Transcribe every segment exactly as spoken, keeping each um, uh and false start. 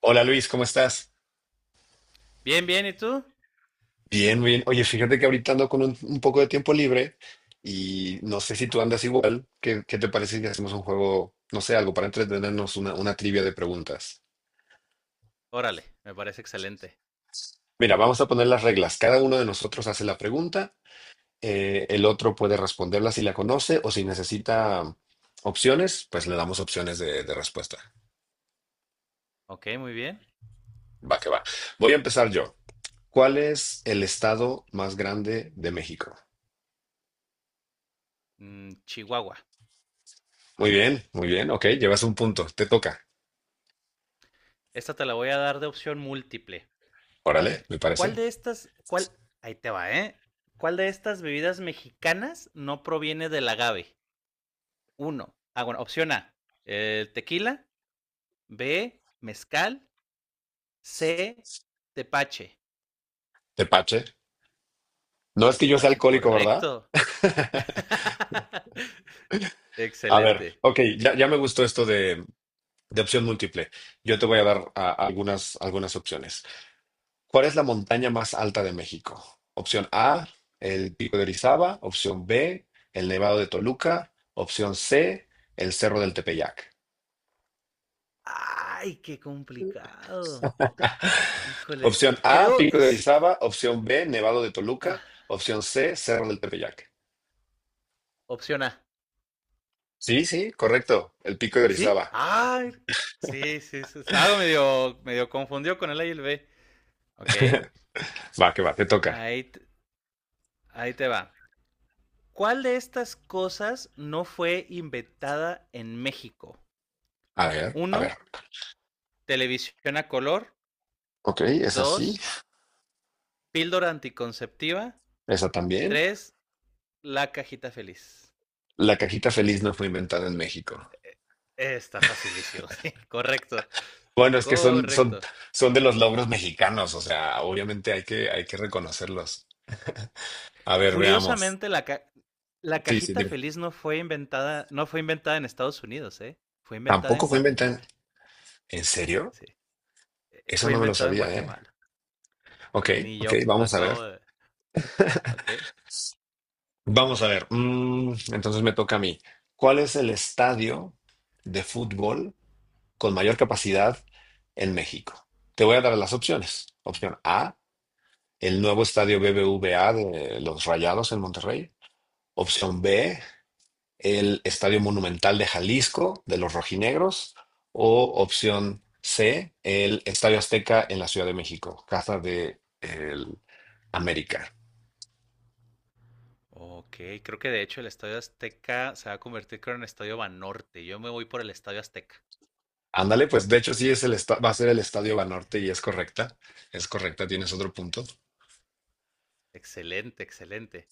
Hola Luis, ¿cómo estás? Bien, bien, ¿y tú? Bien, bien. Oye, fíjate que ahorita ando con un, un poco de tiempo libre y no sé si tú andas igual. ¿Qué, qué te parece si hacemos un juego, no sé, algo para entretenernos, una, una trivia de preguntas? Órale, me parece excelente. Mira, vamos a poner las reglas. Cada uno de nosotros hace la pregunta, eh, el otro puede responderla si la conoce o si necesita opciones, pues le damos opciones de, de respuesta. Ok, muy bien. Va que va. Voy a empezar yo. ¿Cuál es el estado más grande de México? Mm, Chihuahua. Muy bien, muy bien. Ok, llevas un punto. Te toca. Esta te la voy a dar de opción múltiple. A Órale, ver, me ¿cuál parece. de estas, cuál, ahí te va, ¿eh? ¿Cuál de estas bebidas mexicanas no proviene del agave? Uno, ah, bueno, opción A, el tequila. B, mezcal. C, tepache. Tepache. No es El que yo sea tepache alcohólico, ¿verdad? correcto. A ver, Excelente. ok, ya, ya me gustó esto de, de opción múltiple. Yo te voy a dar a- algunas, algunas opciones. ¿Cuál es la montaña más alta de México? Opción A, el Pico de Orizaba. Opción B, el Nevado de Toluca. Opción C, el Cerro del Tepeyac. Ay, qué complicado. Híjole, Opción eh, A, creo, Pico de es- Orizaba. Opción B, Nevado de Ah, Toluca. Opción C, Cerro del Tepeyac. opción A. Sí, sí, correcto. El Pico de ¿Sí? Orizaba. Ah, sí, sí, sí, estaba medio, medio confundido con el A y el B. Ok, Va, que va, te toca. ahí, t- ahí te va. ¿Cuál de estas cosas no fue inventada en México? A ver, a ver. Uno, televisión a color. Ok, es así. Dos, píldora anticonceptiva. Esa también. Tres, la cajita feliz. La cajita feliz no fue inventada en México. Está facilísimo, sí, correcto, Bueno, es que son, son, correcto. son de los logros mexicanos, o sea, obviamente hay Sí. que, hay que reconocerlos. A ver, veamos. Curiosamente, la, ca- la Sí, sí, cajita dime. feliz no fue inventada, no fue inventada en Estados Unidos, ¿eh? Fue inventada Tampoco en fue inventada. Guatemala. ¿En ¿En serio? Sí. Eh, Eso Fue no me lo inventada en sabía, ¿eh? Guatemala. Ok, Ni ok, yo, la vamos a acabo ver. de. Ok. Vamos a ver. Mm, entonces me toca a mí. ¿Cuál es el estadio de fútbol con mayor capacidad en México? Te voy a dar las opciones. Opción A, el nuevo estadio B B V A de los Rayados en Monterrey. Opción B, el Estadio Monumental de Jalisco de los Rojinegros. O opción C, el Estadio Azteca en la Ciudad de México, casa de el América. Ok, creo que de hecho el Estadio Azteca se va a convertir, creo, en el Estadio Banorte. Yo me voy por el Estadio Azteca. Ándale, pues de hecho sí es el esta- va a ser el Estadio Je, Banorte y es correcta. Es correcta, tienes otro punto. excelente, excelente.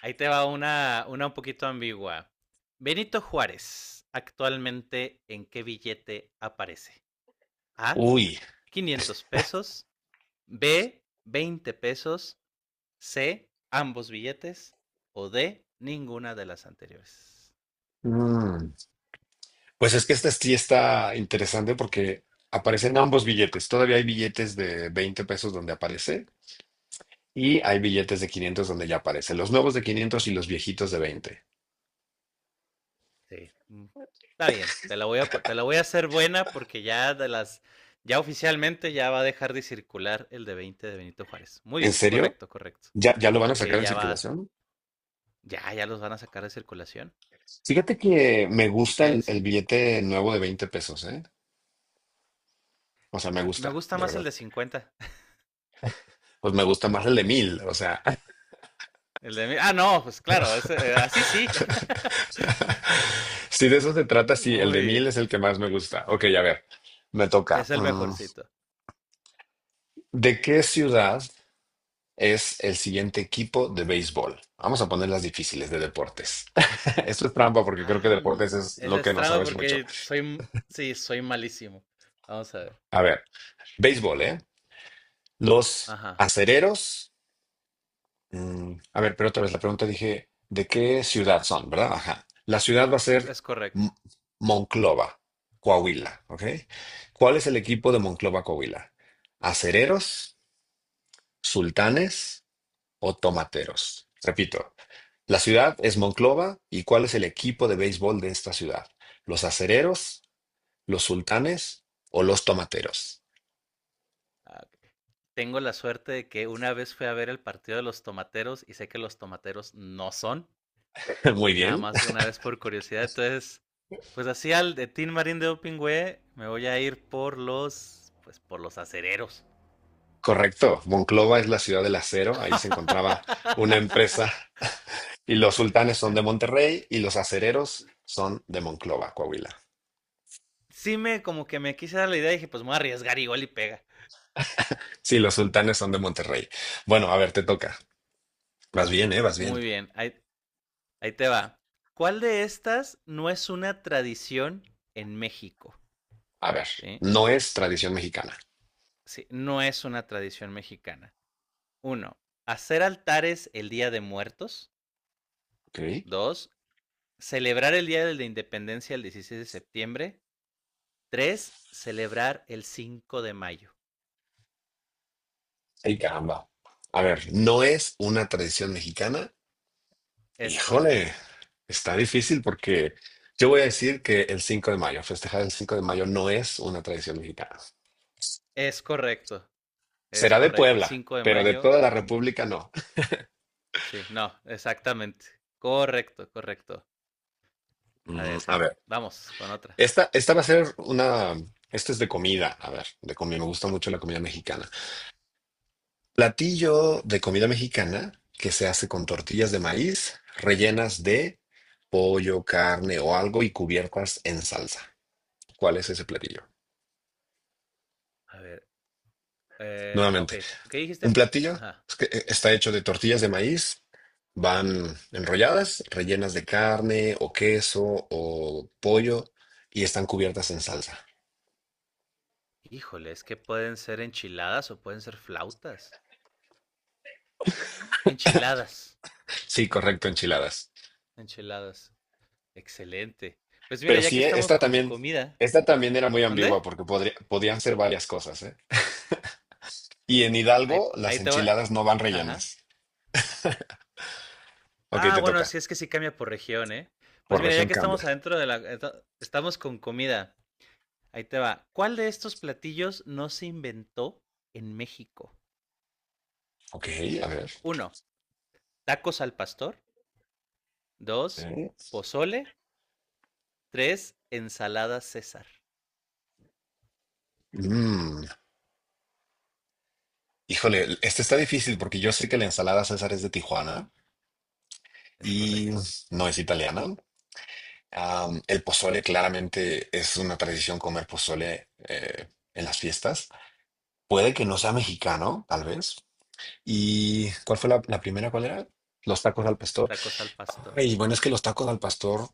Ahí te va una, una un poquito ambigua. Benito Juárez, actualmente, ¿en qué billete aparece? A, Uy, quinientos pesos, B, veinte pesos. C, ambos billetes. O D, ninguna de las anteriores. mm, pues es que esta sí está interesante porque aparecen ambos billetes. Todavía hay billetes de veinte pesos donde aparece. Y hay billetes de quinientos donde ya aparecen los nuevos de quinientos y los viejitos de veinte. Sí. mm, Está bien. Te la voy a, te la voy a hacer buena porque ya de las. Ya oficialmente ya va a dejar de circular el de veinte de Benito Juárez. Muy ¿En bien, serio? correcto, correcto. ¿Ya, ya lo van a sacar Sí, en ya va. circulación? Ya, ya los van a sacar de circulación. Fíjate que me Así gusta que, el, sí. el billete nuevo de veinte pesos, ¿eh? O sea, me Híjole, me gusta, gusta de más el verdad. de cincuenta. Pues me gusta más el de mil, o sea. El de. Ah, no, pues claro, ese, eh, así sí. Si de eso se trata, sí, el de Muy mil bien. es el que más me gusta. Ok, a ver, me toca. Es el Mm, mejorcito. ¿De qué ciudad es el siguiente equipo de béisbol? Vamos a poner las difíciles de deportes. Esto es trampa porque creo que Ah, deportes es eso lo es que no trampa sabes mucho. porque soy, m- sí, soy malísimo. Vamos a ver. A ver, béisbol, ¿eh? Los Ajá, acereros. Mm, a ver, pero otra vez la pregunta dije, ¿de qué ciudad son, verdad? Ajá. La ciudad va a ser es correcto. M- Monclova, Coahuila, ¿ok? ¿Cuál es el equipo de Monclova, Coahuila? ¿Acereros, sultanes o tomateros? Repito, la ciudad es Monclova y ¿cuál es el equipo de béisbol de esta ciudad? ¿Los acereros, los sultanes o los tomateros? Ah, ok. Tengo la suerte de que una vez fui a ver el partido de los tomateros y sé que los tomateros no son. Muy Sí, nada bien. más una vez por curiosidad. Entonces, pues así al de Tin Marín de Opingüe me voy a ir por los, pues por los acereros. Correcto, Monclova es la ciudad del acero, ahí se encontraba una empresa y los sultanes son de Monterrey y los acereros son de Monclova, Coahuila. Sí me, como que me quise dar la idea y dije, pues me voy a arriesgar igual y pega. Sí, los sultanes son de Monterrey. Bueno, a ver, te toca. Vas bien, ¿eh? Vas bien. Muy bien, ahí, ahí te va. ¿Cuál de estas no es una tradición en México? A ver, ¿Sí? no es tradición mexicana. Sí, no es una tradición mexicana. Uno, hacer altares el Día de Muertos. Ok. Dos, celebrar el Día de la Independencia el dieciséis de septiembre. Tres, celebrar el cinco de mayo. Ay, caramba. A ver, no es una tradición mexicana. Es correcto. Híjole, está difícil porque yo voy a decir que el cinco de mayo, festejar el cinco de mayo no es una tradición mexicana. Es correcto. Es Será de correcto. El Puebla, cinco de pero de mayo. toda la República no. Sí, no, exactamente. Correcto, correcto. A Mm, ver, A ver, vamos con otra. esta, esta va a ser una. Esto es de comida. A ver, de comida. Me gusta mucho la comida mexicana. Platillo de comida mexicana que se hace con tortillas de maíz rellenas de pollo, carne o algo y cubiertas en salsa. ¿Cuál es ese platillo? A ver, Eh, ok, Nuevamente. ¿qué Un dijiste? platillo Ajá. es que eh, está hecho de tortillas de maíz, van enrolladas, rellenas de carne o queso o pollo y están cubiertas en salsa. Híjole, es que pueden ser enchiladas o pueden ser flautas. Enchiladas, Sí, correcto, enchiladas. enchiladas. Excelente. Pues mira, Pero ya que sí, eh, estamos esta con también, comida, esta también era muy ¿dónde? ambigua porque podría- podían ser varias cosas, ¿eh? Y en Ahí, Hidalgo ahí las te va. enchiladas no van Ajá. rellenas. Ok, Ah, te bueno, toca. sí es que sí cambia por región, ¿eh? Pues Por mira, ya región que cambia. estamos adentro de la... esta- Estamos con comida. Ahí te va. ¿Cuál de estos platillos no se inventó en México? Ok, a ver. Uno, tacos al pastor. Dos, Eh, pozole. Tres, ensalada César. Mm, Híjole, este está difícil porque yo sé que la ensalada César es de Tijuana, ¿Es y correcto? no es italiana. Am, el pozole claramente es una tradición comer pozole eh, en las fiestas. Puede que no sea mexicano, tal vez. ¿Y cuál fue la, la primera? ¿Cuál era? Los tacos al pastor. Tacos al pastor. Ay, bueno, es que los tacos al pastor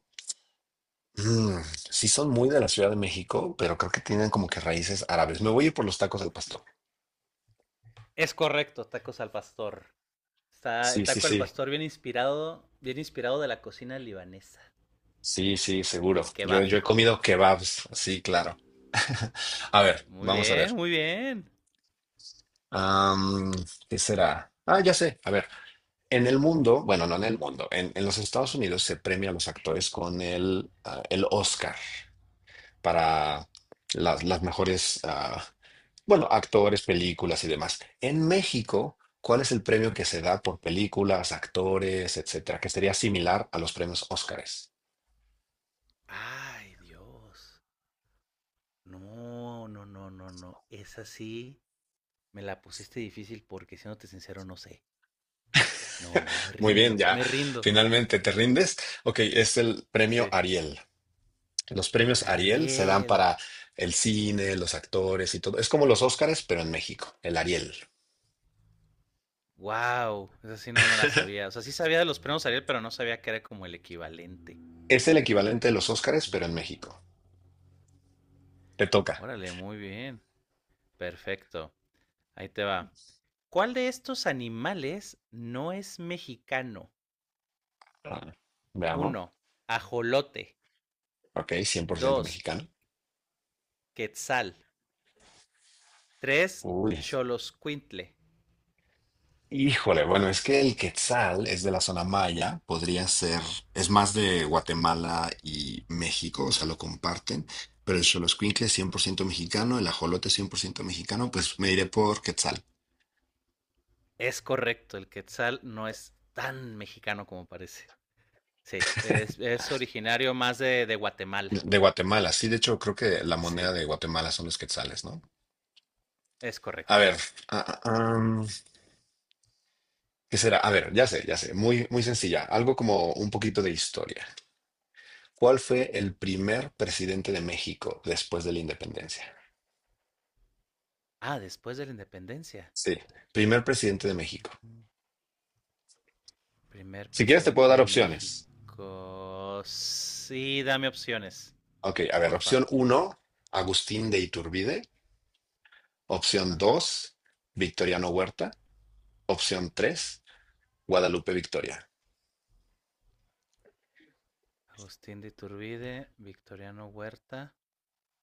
mm, sí son muy de la Ciudad de México, pero creo que tienen como que raíces árabes. Me voy a ir por los tacos al pastor. Es correcto, tacos al pastor. Está Sí, el sí, taco al sí. pastor bien inspirado, bien inspirado de la cocina libanesa, Sí, sí, seguro. del Yo, kebab. yo he comido kebabs. Sí, claro. A ver, Muy vamos a bien, ver. muy bien. Am, ¿Qué será? Ah, ya sé. A ver, en el mundo, bueno, no en el mundo, en, en los Estados Unidos se premia a los actores con el, ah, el Oscar para las, las mejores, ah, bueno, actores, películas y demás. En México, ¿cuál es el premio que se da por películas, actores, etcétera? Que sería similar a los premios Óscares. Ay, Dios. No, no, no, no, no. Esa sí me la pusiste difícil porque siéndote sincero no sé. No, no, me Muy bien, rindo, ya me rindo. finalmente te rindes. Ok, es el premio Sí. Ariel. Los premios Ariel se dan Ariel. para el cine, los actores y todo. Es como los Óscares, pero en México, el Ariel. Wow, esa sí no me la sabía. O sea, sí sabía de los premios Ariel, pero no sabía que era como el equivalente. Es el equivalente de los Óscares, Sí. pero en México. Te toca. Órale, muy bien. Perfecto. Ahí te va. ¿Cuál de estos animales no es mexicano? Ah, veamos. Uno, ajolote. Ok, cien por ciento Dos, mexicano. quetzal. tres. Uy. Choloscuintle. Híjole, bueno, es que el Quetzal es de la zona maya, podría ser, es más de Guatemala y México, o sea, lo comparten, pero el Xoloscuincle es cien por ciento mexicano, el ajolote es cien por ciento mexicano, pues me iré por Quetzal. Es correcto, el quetzal no es tan mexicano como parece. Sí, es, es originario más de, de Guatemala. De de Guatemala, sí, de hecho creo que la moneda Sí, de Guatemala son los quetzales, ¿no? es A correcto. ver, ah, ah, am, ¿qué será? A ver, ya sé, ya sé, muy, muy sencilla, algo como un poquito de historia. ¿Cuál fue el primer presidente de México después de la independencia? Ah, después de la independencia. Sí, primer presidente de México. Mm. Primer Si quieres te puedo presidente dar de opciones. México. Sí, dame opciones, Ok, a ver, porfa. opción uno, Agustín de Iturbide. Opción Ajá. dos, Victoriano Huerta. Opción tres, Guadalupe Victoria Agustín de Iturbide, Victoriano Huerta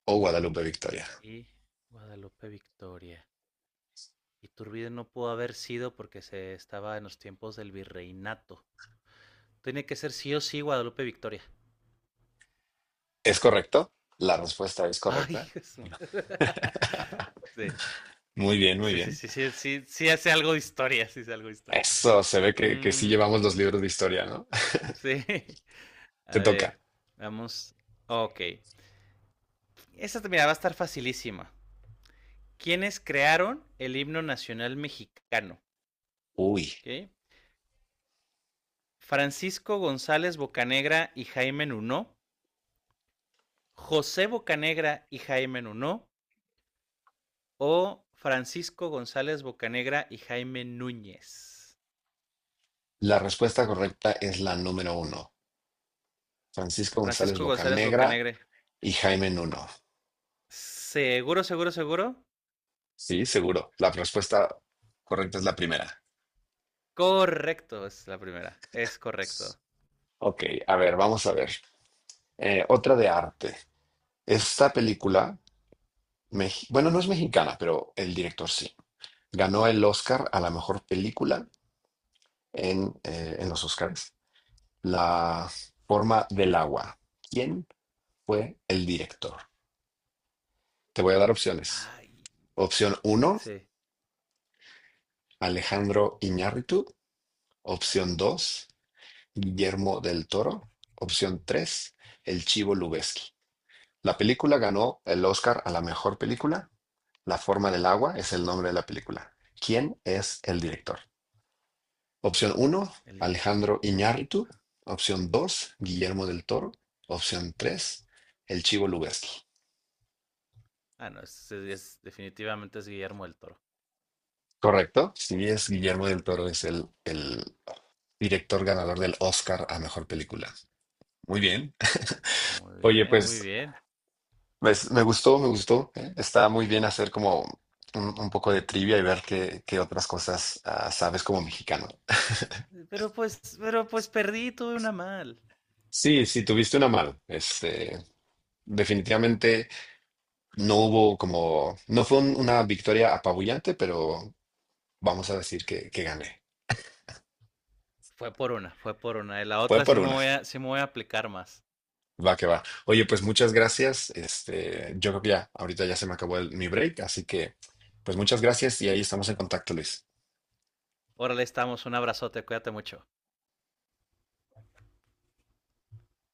o Guadalupe Victoria. y Guadalupe Victoria. Iturbide no pudo haber sido porque se estaba en los tiempos del virreinato. Tiene que ser sí o sí Guadalupe Victoria. ¿Es correcto? La respuesta es Ay, correcta. Jesús. Sí, Muy bien, muy sí, sí, bien. sí, sí, sí, sí hace algo de historia, sí hace algo de historia. Eso, se ve que, que sí Mm, llevamos los libros de historia, ¿no? sí. A Te toca. ver, vamos. Ok. Esta mira, va a estar facilísima. ¿Quiénes crearon el himno nacional mexicano? Uy, ¿Ok? Francisco González Bocanegra y Jaime Nuno, José Bocanegra y Jaime Nuno o Francisco González Bocanegra y Jaime Núñez. la respuesta correcta es la número uno. Francisco González Francisco González Bocanegra Bocanegra. y Jaime Nuno. Seguro, seguro, seguro. Sí, seguro. La respuesta correcta es la primera. Correcto, es la primera. Es correcto. Ok, a ver, vamos a ver. Eh, otra de arte. Esta película, mex- bueno, no es mexicana, pero el director sí. Ganó el Oscar a la mejor película en, eh, en los Oscars. La forma del agua. ¿Quién fue el director? Te voy a dar opciones. Ay, Opción uno, sí, Alejandro Iñárritu. Opción dos, Guillermo del Toro. Opción tres, El Chivo Lubeski. La película ganó el Oscar a la mejor película. La forma del agua es el nombre de la película. ¿Quién es el director? Opción uno, el directo. Alejandro Iñárritu. Opción dos, Guillermo del Toro. Opción tres, El Chivo Lubeski. Ah, no, es, es- es, definitivamente es Guillermo del Toro. Correcto. Sí, es Guillermo del Toro, es el, el director ganador del Oscar a mejor película. Muy bien. Muy Oye, bien, pues muy bien. pues, me gustó, me gustó. ¿Eh? Está muy bien hacer como un, un poco de trivia y ver qué, qué otras cosas ah, sabes como mexicano. Pero pues, pero pues perdí, tuve una mal. Sí, sí, tuviste una mano. Este, definitivamente no hubo como, no fue un- una victoria apabullante, pero vamos a decir que, que gané. Fue por una, fue por una. Y la Fue otra por sí me una. voy a, sí me voy a aplicar más. Va que va. Oye, pues muchas gracias. Este, yo creo que ya, ahorita ya se me acabó el- mi break, así que pues muchas gracias y ahí estamos en contacto, Luis. Órale, estamos. Un abrazote, cuídate mucho.